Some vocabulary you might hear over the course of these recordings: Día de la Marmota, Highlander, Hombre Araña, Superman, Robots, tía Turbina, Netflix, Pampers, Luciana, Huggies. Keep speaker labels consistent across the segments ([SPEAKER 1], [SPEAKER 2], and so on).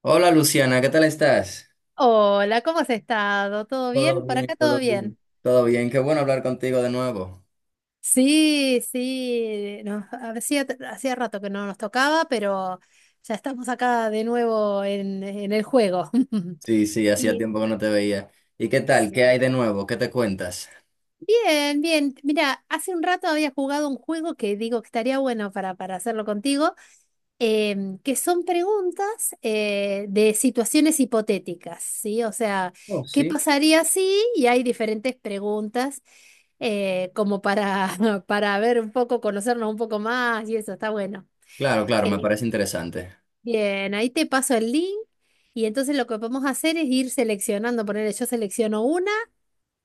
[SPEAKER 1] Hola Luciana, ¿qué tal estás?
[SPEAKER 2] Hola, ¿cómo has estado? ¿Todo
[SPEAKER 1] Todo
[SPEAKER 2] bien? Por
[SPEAKER 1] bien,
[SPEAKER 2] acá todo
[SPEAKER 1] todo
[SPEAKER 2] bien.
[SPEAKER 1] bien. ¿Todo bien? Qué bueno hablar contigo de nuevo.
[SPEAKER 2] Sí, sí, no, hacía rato que no nos tocaba, pero ya estamos acá de nuevo en el juego.
[SPEAKER 1] Sí, sí, hacía
[SPEAKER 2] Y
[SPEAKER 1] tiempo que no te veía. ¿Y qué tal?
[SPEAKER 2] sí.
[SPEAKER 1] ¿Qué hay de nuevo? ¿Qué te cuentas?
[SPEAKER 2] Bien, bien. Mira, hace un rato había jugado un juego que digo que estaría bueno para hacerlo contigo, que son preguntas de situaciones hipotéticas, ¿sí? O sea,
[SPEAKER 1] Oh,
[SPEAKER 2] ¿qué
[SPEAKER 1] sí.
[SPEAKER 2] pasaría si? Y hay diferentes preguntas como para, para ver un poco, conocernos un poco más y eso, está bueno.
[SPEAKER 1] Claro, claro, me
[SPEAKER 2] Eh,
[SPEAKER 1] parece interesante.
[SPEAKER 2] Bien, ahí te paso el link y entonces lo que podemos hacer es ir seleccionando, ponerle yo selecciono una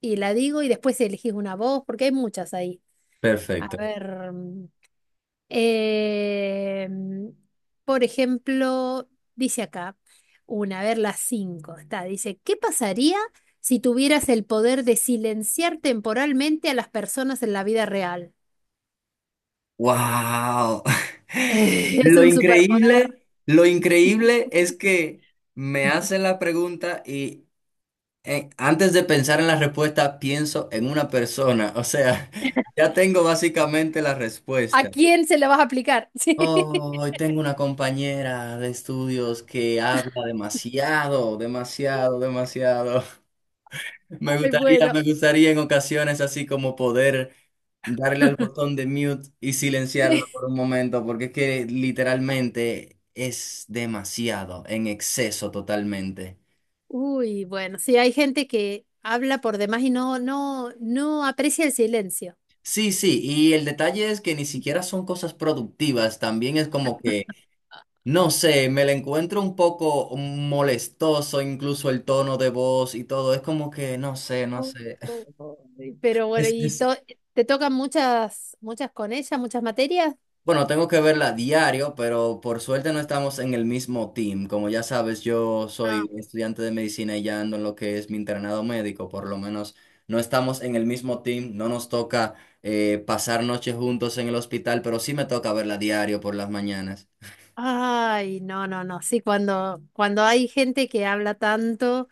[SPEAKER 2] y la digo y después elegís una voz, porque hay muchas ahí. A
[SPEAKER 1] Perfecto.
[SPEAKER 2] ver. Eh, por ejemplo, dice acá, una, a ver, las cinco, está, dice, ¿qué pasaría si tuvieras el poder de silenciar temporalmente a las personas en la vida real?
[SPEAKER 1] ¡Wow!
[SPEAKER 2] Es un superpoder.
[SPEAKER 1] Lo increíble es que me hacen la pregunta y antes de pensar en la respuesta pienso en una persona. O sea, ya tengo básicamente la
[SPEAKER 2] ¿A
[SPEAKER 1] respuesta.
[SPEAKER 2] quién se la vas a aplicar? Sí.
[SPEAKER 1] Oh, hoy tengo una compañera de estudios que habla demasiado, demasiado, demasiado.
[SPEAKER 2] Ay, bueno.
[SPEAKER 1] Me gustaría en ocasiones así como poder darle al botón de mute y silenciarla
[SPEAKER 2] Sí.
[SPEAKER 1] por un momento, porque es que literalmente es demasiado, en exceso totalmente.
[SPEAKER 2] Uy, bueno, sí, hay gente que habla por demás y no aprecia el silencio.
[SPEAKER 1] Sí, sí, y el detalle es que ni siquiera son cosas productivas, también es como que no sé, me la encuentro un poco molestoso, incluso el tono de voz y todo. Es como que, no sé, no
[SPEAKER 2] Uy,
[SPEAKER 1] sé.
[SPEAKER 2] pero bueno,
[SPEAKER 1] Es, es-
[SPEAKER 2] te tocan muchas, muchas con ella, muchas materias.
[SPEAKER 1] Bueno, tengo que verla a diario, pero por suerte no estamos en el mismo team. Como ya sabes, yo
[SPEAKER 2] Ah.
[SPEAKER 1] soy estudiante de medicina y ya ando en lo que es mi internado médico. Por lo menos no estamos en el mismo team, no nos toca pasar noches juntos en el hospital, pero sí me toca verla a diario por las mañanas.
[SPEAKER 2] Ay, no, no, no. Sí, cuando hay gente que habla tanto,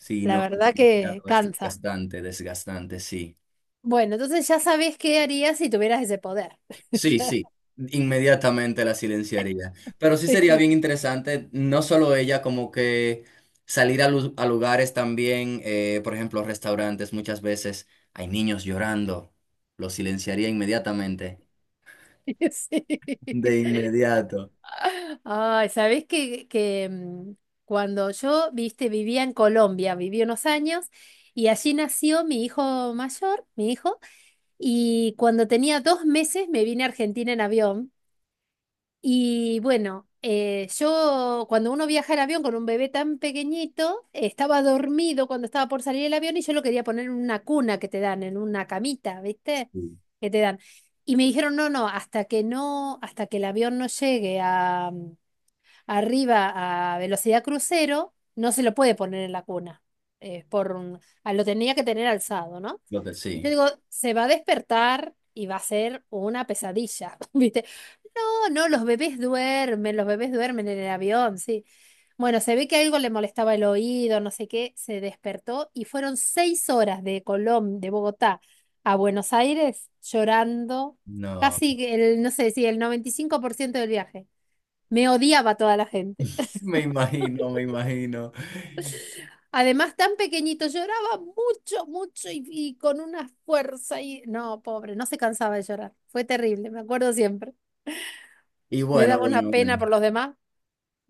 [SPEAKER 1] Sí,
[SPEAKER 2] la
[SPEAKER 1] no, es
[SPEAKER 2] verdad que
[SPEAKER 1] demasiado, es
[SPEAKER 2] cansa.
[SPEAKER 1] desgastante, desgastante, sí.
[SPEAKER 2] Bueno, entonces ya sabés qué harías si tuvieras ese poder.
[SPEAKER 1] Sí,
[SPEAKER 2] Ya-
[SPEAKER 1] sí, inmediatamente la silenciaría. Pero sí sería
[SPEAKER 2] sí,
[SPEAKER 1] bien interesante, no solo ella, como que salir a lugares también, por ejemplo, restaurantes, muchas veces hay niños llorando, lo silenciaría inmediatamente.
[SPEAKER 2] sí.
[SPEAKER 1] De inmediato.
[SPEAKER 2] Ay, sabés que, cuando yo, viste, vivía en Colombia, viví unos años y allí nació mi hijo mayor, mi hijo, y cuando tenía 2 meses me vine a Argentina en avión. Y bueno, yo cuando uno viaja en avión con un bebé tan pequeñito, estaba dormido cuando estaba por salir el avión y yo lo quería poner en una cuna que te dan, en una camita, ¿viste?
[SPEAKER 1] Sí.
[SPEAKER 2] Que te dan. Y me dijeron, no, no, hasta que el avión no llegue a, arriba a velocidad crucero, no se lo puede poner en la cuna. Lo tenía que tener alzado, ¿no? Y yo
[SPEAKER 1] Sí,
[SPEAKER 2] digo, se va a despertar y va a ser una pesadilla, ¿viste? No, los bebés duermen en el avión, sí. Bueno, se ve que algo le molestaba el oído, no sé qué, se despertó y fueron 6 horas de Colón, de Bogotá a Buenos Aires llorando,
[SPEAKER 1] no,
[SPEAKER 2] casi que el, no sé si el 95% del viaje. Me odiaba toda la gente.
[SPEAKER 1] me imagino, me imagino.
[SPEAKER 2] Además, tan pequeñito, lloraba mucho, mucho y con una fuerza y... No, pobre, no se cansaba de llorar. Fue terrible, me acuerdo siempre.
[SPEAKER 1] Y
[SPEAKER 2] Me
[SPEAKER 1] bueno,
[SPEAKER 2] daba una
[SPEAKER 1] bueno,
[SPEAKER 2] pena
[SPEAKER 1] bueno.
[SPEAKER 2] por los demás.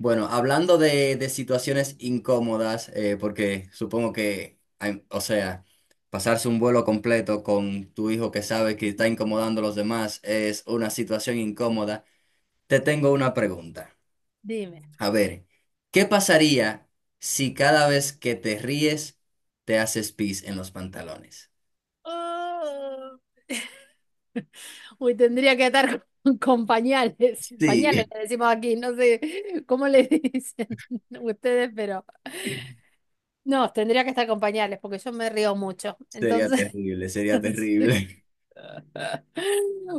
[SPEAKER 1] Bueno, hablando de situaciones incómodas, porque supongo que, o sea, pasarse un vuelo completo con tu hijo que sabe que está incomodando a los demás es una situación incómoda, te tengo una pregunta.
[SPEAKER 2] Dime.
[SPEAKER 1] A ver, ¿qué pasaría si cada vez que te ríes te haces pis en los pantalones?
[SPEAKER 2] Uy, tendría que atar con, con pañales.
[SPEAKER 1] Sí,
[SPEAKER 2] Pañales le decimos aquí, no sé cómo le dicen ustedes, pero no, tendría que estar con pañales porque yo me río mucho.
[SPEAKER 1] sería
[SPEAKER 2] Entonces,
[SPEAKER 1] terrible, sería
[SPEAKER 2] sí.
[SPEAKER 1] terrible.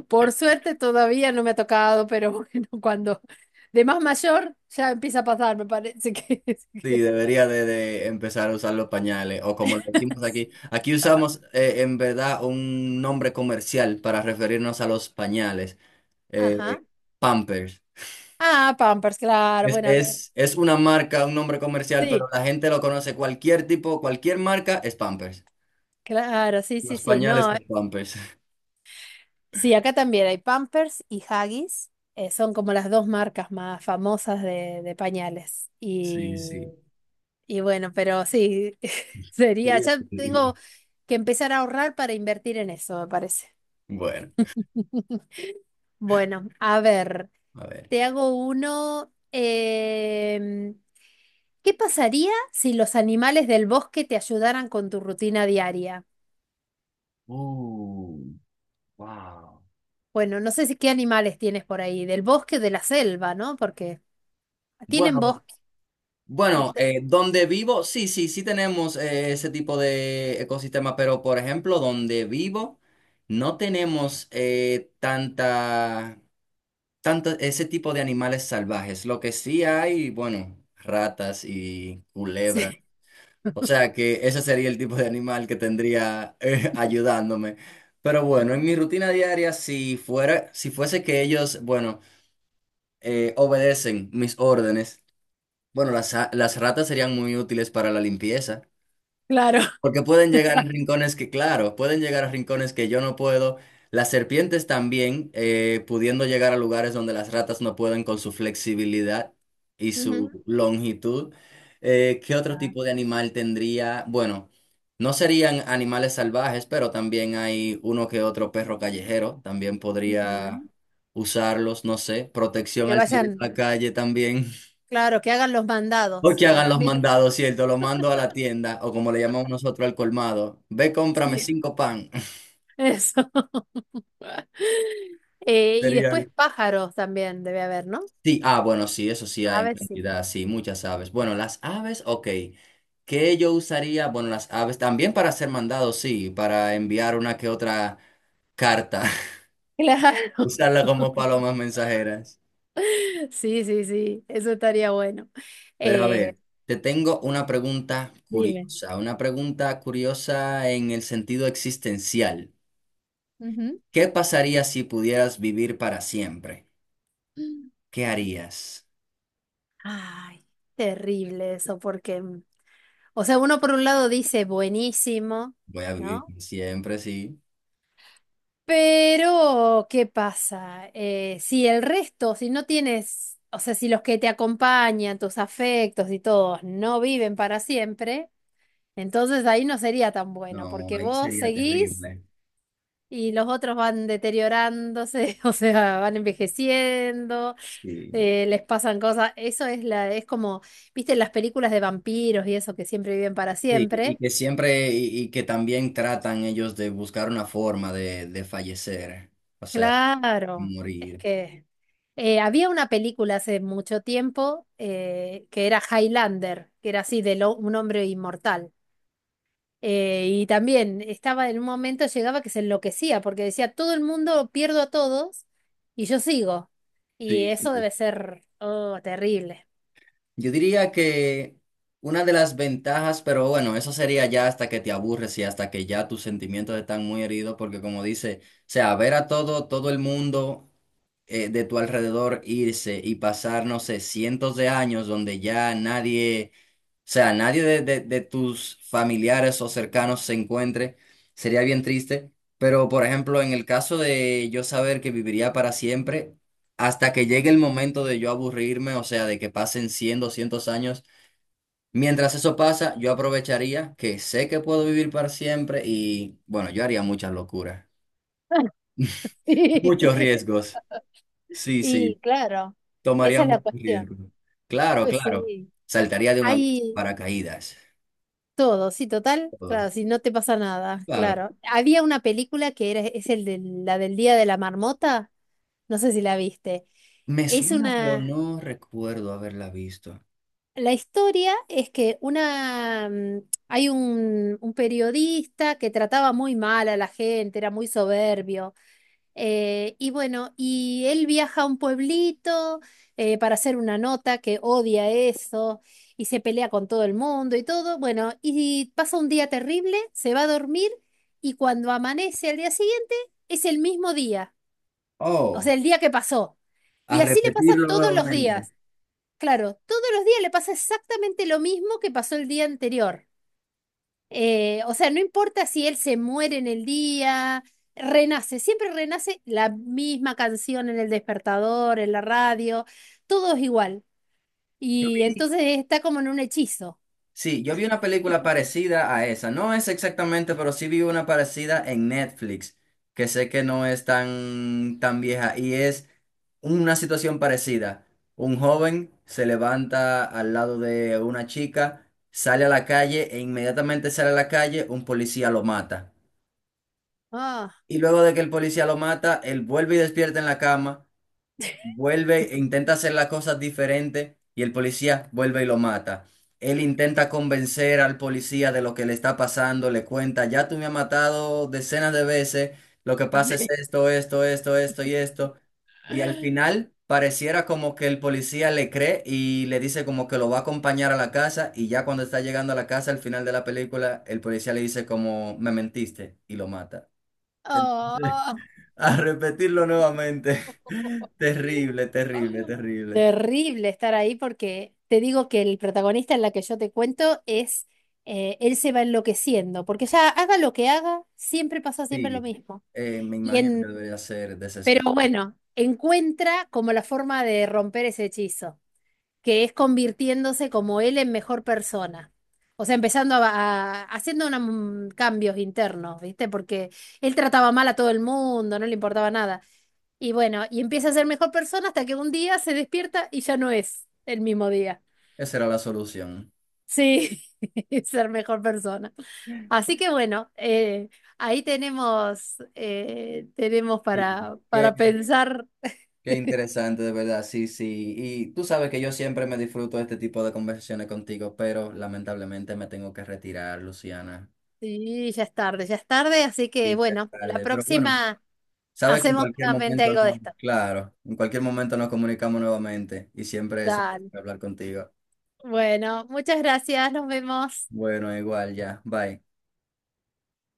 [SPEAKER 2] Por suerte todavía no me ha tocado, pero bueno, cuando de más mayor ya empieza a pasar, me parece que...
[SPEAKER 1] Sí, debería de empezar a usar los pañales, o como lo decimos aquí. Aquí usamos en verdad un nombre comercial para referirnos a los pañales,
[SPEAKER 2] Ajá.
[SPEAKER 1] eh, Pampers.
[SPEAKER 2] Ah, Pampers, claro,
[SPEAKER 1] Es,
[SPEAKER 2] bueno, que-
[SPEAKER 1] es, es una marca, un nombre comercial, pero
[SPEAKER 2] sí,
[SPEAKER 1] la gente lo conoce. Cualquier tipo, cualquier marca es Pampers.
[SPEAKER 2] claro, sí, sí,
[SPEAKER 1] Los
[SPEAKER 2] sí,
[SPEAKER 1] pañales
[SPEAKER 2] no.
[SPEAKER 1] son Pampers.
[SPEAKER 2] Sí, acá también hay Pampers y Huggies. Son como las dos marcas más famosas de pañales.
[SPEAKER 1] Sí, sí.
[SPEAKER 2] Y bueno, pero sí, sería,
[SPEAKER 1] Sería
[SPEAKER 2] ya tengo
[SPEAKER 1] increíble.
[SPEAKER 2] que empezar a ahorrar para invertir en eso, me parece.
[SPEAKER 1] Bueno,
[SPEAKER 2] Bueno, a ver,
[SPEAKER 1] a ver.
[SPEAKER 2] te hago uno. ¿Qué pasaría si los animales del bosque te ayudaran con tu rutina diaria?
[SPEAKER 1] Uh, wow.
[SPEAKER 2] Bueno, no sé si qué animales tienes por ahí, del bosque, o de la selva, ¿no? Porque tienen
[SPEAKER 1] Bueno, bueno,
[SPEAKER 2] bosque.
[SPEAKER 1] donde vivo, sí, sí, sí tenemos ese tipo de ecosistema, pero por ejemplo, donde vivo, no tenemos tanto ese tipo de animales salvajes. Lo que sí hay, bueno, ratas y culebras.
[SPEAKER 2] Sí,
[SPEAKER 1] O sea que ese sería el tipo de animal que tendría ayudándome. Pero bueno, en mi rutina diaria, si fuese que ellos, bueno, obedecen mis órdenes. Bueno, las ratas serían muy útiles para la limpieza,
[SPEAKER 2] claro,
[SPEAKER 1] porque pueden llegar a
[SPEAKER 2] exacto.
[SPEAKER 1] rincones que, claro, pueden llegar a rincones que yo no puedo. Las serpientes también, pudiendo llegar a lugares donde las ratas no pueden con su flexibilidad y
[SPEAKER 2] Ujú.
[SPEAKER 1] su longitud. ¿Qué otro
[SPEAKER 2] Ah,
[SPEAKER 1] tipo de animal tendría? Bueno, no serían animales salvajes, pero también hay uno que otro perro callejero, también podría
[SPEAKER 2] ujú.
[SPEAKER 1] usarlos, no sé, protección
[SPEAKER 2] Que
[SPEAKER 1] al salir a
[SPEAKER 2] vayan,
[SPEAKER 1] la calle también.
[SPEAKER 2] claro, que hagan los
[SPEAKER 1] O
[SPEAKER 2] mandados,
[SPEAKER 1] que
[SPEAKER 2] sino
[SPEAKER 1] hagan los
[SPEAKER 2] también.
[SPEAKER 1] mandados, ¿cierto? Lo mando a la tienda, o como le llamamos nosotros al colmado. Ve, cómprame
[SPEAKER 2] Sí,
[SPEAKER 1] cinco pan.
[SPEAKER 2] eso. Y
[SPEAKER 1] Sería.
[SPEAKER 2] después pájaros también debe haber, ¿no?
[SPEAKER 1] Sí, ah, bueno, sí, eso sí hay
[SPEAKER 2] A
[SPEAKER 1] en
[SPEAKER 2] ver si.
[SPEAKER 1] cantidad, sí, muchas aves. Bueno, las aves, ok. ¿Qué yo usaría? Bueno, las aves también para hacer mandados, sí, para enviar una que otra carta,
[SPEAKER 2] Claro.
[SPEAKER 1] usarla como palomas mensajeras.
[SPEAKER 2] Sí, sí, sí, eso estaría bueno.
[SPEAKER 1] Pero a ver,
[SPEAKER 2] Eh,
[SPEAKER 1] te tengo
[SPEAKER 2] dime.
[SPEAKER 1] una pregunta curiosa en el sentido existencial.
[SPEAKER 2] Ujú.
[SPEAKER 1] ¿Qué pasaría si pudieras vivir para siempre? ¿Qué harías?
[SPEAKER 2] Ay, terrible eso, porque, o sea, uno por un lado dice buenísimo,
[SPEAKER 1] Voy a vivir
[SPEAKER 2] ¿no?
[SPEAKER 1] como siempre, sí.
[SPEAKER 2] Pero, ¿qué pasa? Si el resto, si no tienes, o sea, si los que te acompañan, tus afectos y todos no viven para siempre, entonces ahí no sería tan bueno,
[SPEAKER 1] No,
[SPEAKER 2] porque
[SPEAKER 1] ahí
[SPEAKER 2] vos
[SPEAKER 1] sería
[SPEAKER 2] seguís
[SPEAKER 1] terrible.
[SPEAKER 2] y los otros van deteriorándose, o sea, van envejeciendo,
[SPEAKER 1] Sí.
[SPEAKER 2] les pasan cosas. Eso es la, es como, viste, en las películas de vampiros y eso que siempre viven para
[SPEAKER 1] Sí, y
[SPEAKER 2] siempre.
[SPEAKER 1] que siempre, y que también tratan ellos de buscar una forma de fallecer, o sea,
[SPEAKER 2] Claro, es
[SPEAKER 1] morir.
[SPEAKER 2] que. Había una película hace mucho tiempo que era Highlander, que era así de lo- un hombre inmortal. Y también estaba en un momento, llegaba que se enloquecía porque decía, todo el mundo pierdo a todos y yo sigo. Y
[SPEAKER 1] Sí, sí.
[SPEAKER 2] eso debe ser, oh, terrible.
[SPEAKER 1] Yo diría que una de las ventajas, pero bueno, eso sería ya hasta que te aburres y hasta que ya tus sentimientos están muy heridos, porque como dice, o sea, ver a todo el mundo de tu alrededor irse y pasar, no sé, cientos de años donde ya nadie de tus familiares o cercanos se encuentre, sería bien triste. Pero, por ejemplo, en el caso de yo saber que viviría para siempre, hasta que llegue el momento de yo aburrirme, o sea, de que pasen 100 200 años, mientras eso pasa, yo aprovecharía que sé que puedo vivir para siempre y, bueno, yo haría muchas locuras,
[SPEAKER 2] Sí.
[SPEAKER 1] muchos riesgos. Sí, sí,
[SPEAKER 2] Y claro, esa
[SPEAKER 1] tomaría
[SPEAKER 2] es la
[SPEAKER 1] muchos
[SPEAKER 2] cuestión.
[SPEAKER 1] riesgos. Claro,
[SPEAKER 2] Eh,
[SPEAKER 1] claro.
[SPEAKER 2] Sí,
[SPEAKER 1] Saltaría de un avión sin
[SPEAKER 2] Hay
[SPEAKER 1] paracaídas.
[SPEAKER 2] todo, sí, total,
[SPEAKER 1] Todo.
[SPEAKER 2] claro, si no te pasa nada,
[SPEAKER 1] Claro.
[SPEAKER 2] claro. Había una película que era, es el de, la del Día de la Marmota. No sé si la viste.
[SPEAKER 1] Me
[SPEAKER 2] Es
[SPEAKER 1] suena, pero
[SPEAKER 2] una...
[SPEAKER 1] no recuerdo haberla visto.
[SPEAKER 2] La historia es que una... hay un periodista que trataba muy mal a la gente, era muy soberbio. Y bueno, y él viaja a un pueblito para hacer una nota que odia eso y se pelea con todo el mundo y todo. Bueno, y pasa un día terrible, se va a dormir y cuando amanece al día siguiente es el mismo día, o
[SPEAKER 1] Oh,
[SPEAKER 2] sea, el día que pasó.
[SPEAKER 1] a
[SPEAKER 2] Y así le pasa
[SPEAKER 1] repetirlo
[SPEAKER 2] todos los
[SPEAKER 1] nuevamente.
[SPEAKER 2] días. Claro, todos los días le pasa exactamente lo mismo que pasó el día anterior. O sea, no importa si él se muere en el día, renace, siempre renace la misma canción en el despertador, en la radio, todo es igual. Y
[SPEAKER 1] Sí.
[SPEAKER 2] entonces está como en un hechizo.
[SPEAKER 1] Sí, yo vi una película parecida a esa. No es exactamente, pero sí vi una parecida en Netflix, que sé que no es tan, tan vieja y es una situación parecida. Un joven se levanta al lado de una chica, sale a la calle e inmediatamente sale a la calle, un policía lo mata.
[SPEAKER 2] Ah,
[SPEAKER 1] Y luego de que el policía lo mata, él vuelve y despierta en la cama. Vuelve e intenta hacer las cosas diferentes y el policía vuelve y lo mata. Él intenta convencer al policía de lo que le está pasando, le cuenta, ya tú me has matado decenas de veces, lo que pasa es esto, esto, esto, esto y esto. Y al final pareciera como que el policía le cree y le dice como que lo va a acompañar a la casa y ya cuando está llegando a la casa al final de la película, el policía le dice como me mentiste y lo mata.
[SPEAKER 2] ah.
[SPEAKER 1] A repetirlo nuevamente. Terrible, terrible, terrible.
[SPEAKER 2] Terrible estar ahí porque te digo que el protagonista en la que yo te cuento es, él se va enloqueciendo, porque ya haga lo que haga, siempre lo
[SPEAKER 1] Sí,
[SPEAKER 2] mismo.
[SPEAKER 1] me
[SPEAKER 2] Y
[SPEAKER 1] imagino que
[SPEAKER 2] en,
[SPEAKER 1] debería ser desespero.
[SPEAKER 2] pero bueno, encuentra como la forma de romper ese hechizo, que es convirtiéndose como él en mejor persona. O sea, haciendo unos cambios internos, ¿viste? Porque él trataba mal a todo el mundo, no le importaba nada. Y bueno, y empieza a ser mejor persona hasta que un día se despierta y ya no es el mismo día.
[SPEAKER 1] Esa era la solución.
[SPEAKER 2] Sí, ser mejor persona. Así que bueno, ahí tenemos, tenemos
[SPEAKER 1] Sí,
[SPEAKER 2] para, para pensar.
[SPEAKER 1] qué interesante, de verdad. Sí, sí. Y tú sabes que yo siempre me disfruto de este tipo de conversaciones contigo, pero lamentablemente me tengo que retirar, Luciana.
[SPEAKER 2] Sí, ya es tarde, así que
[SPEAKER 1] Sí, ya es
[SPEAKER 2] bueno, la
[SPEAKER 1] tarde. Pero bueno,
[SPEAKER 2] próxima
[SPEAKER 1] sabes que en
[SPEAKER 2] hacemos
[SPEAKER 1] cualquier
[SPEAKER 2] nuevamente
[SPEAKER 1] momento
[SPEAKER 2] algo de
[SPEAKER 1] no,
[SPEAKER 2] esto.
[SPEAKER 1] claro, en cualquier momento nos comunicamos nuevamente y siempre eso,
[SPEAKER 2] Dale.
[SPEAKER 1] hablar contigo.
[SPEAKER 2] Bueno, muchas gracias, nos vemos.
[SPEAKER 1] Bueno, igual, ya. Bye.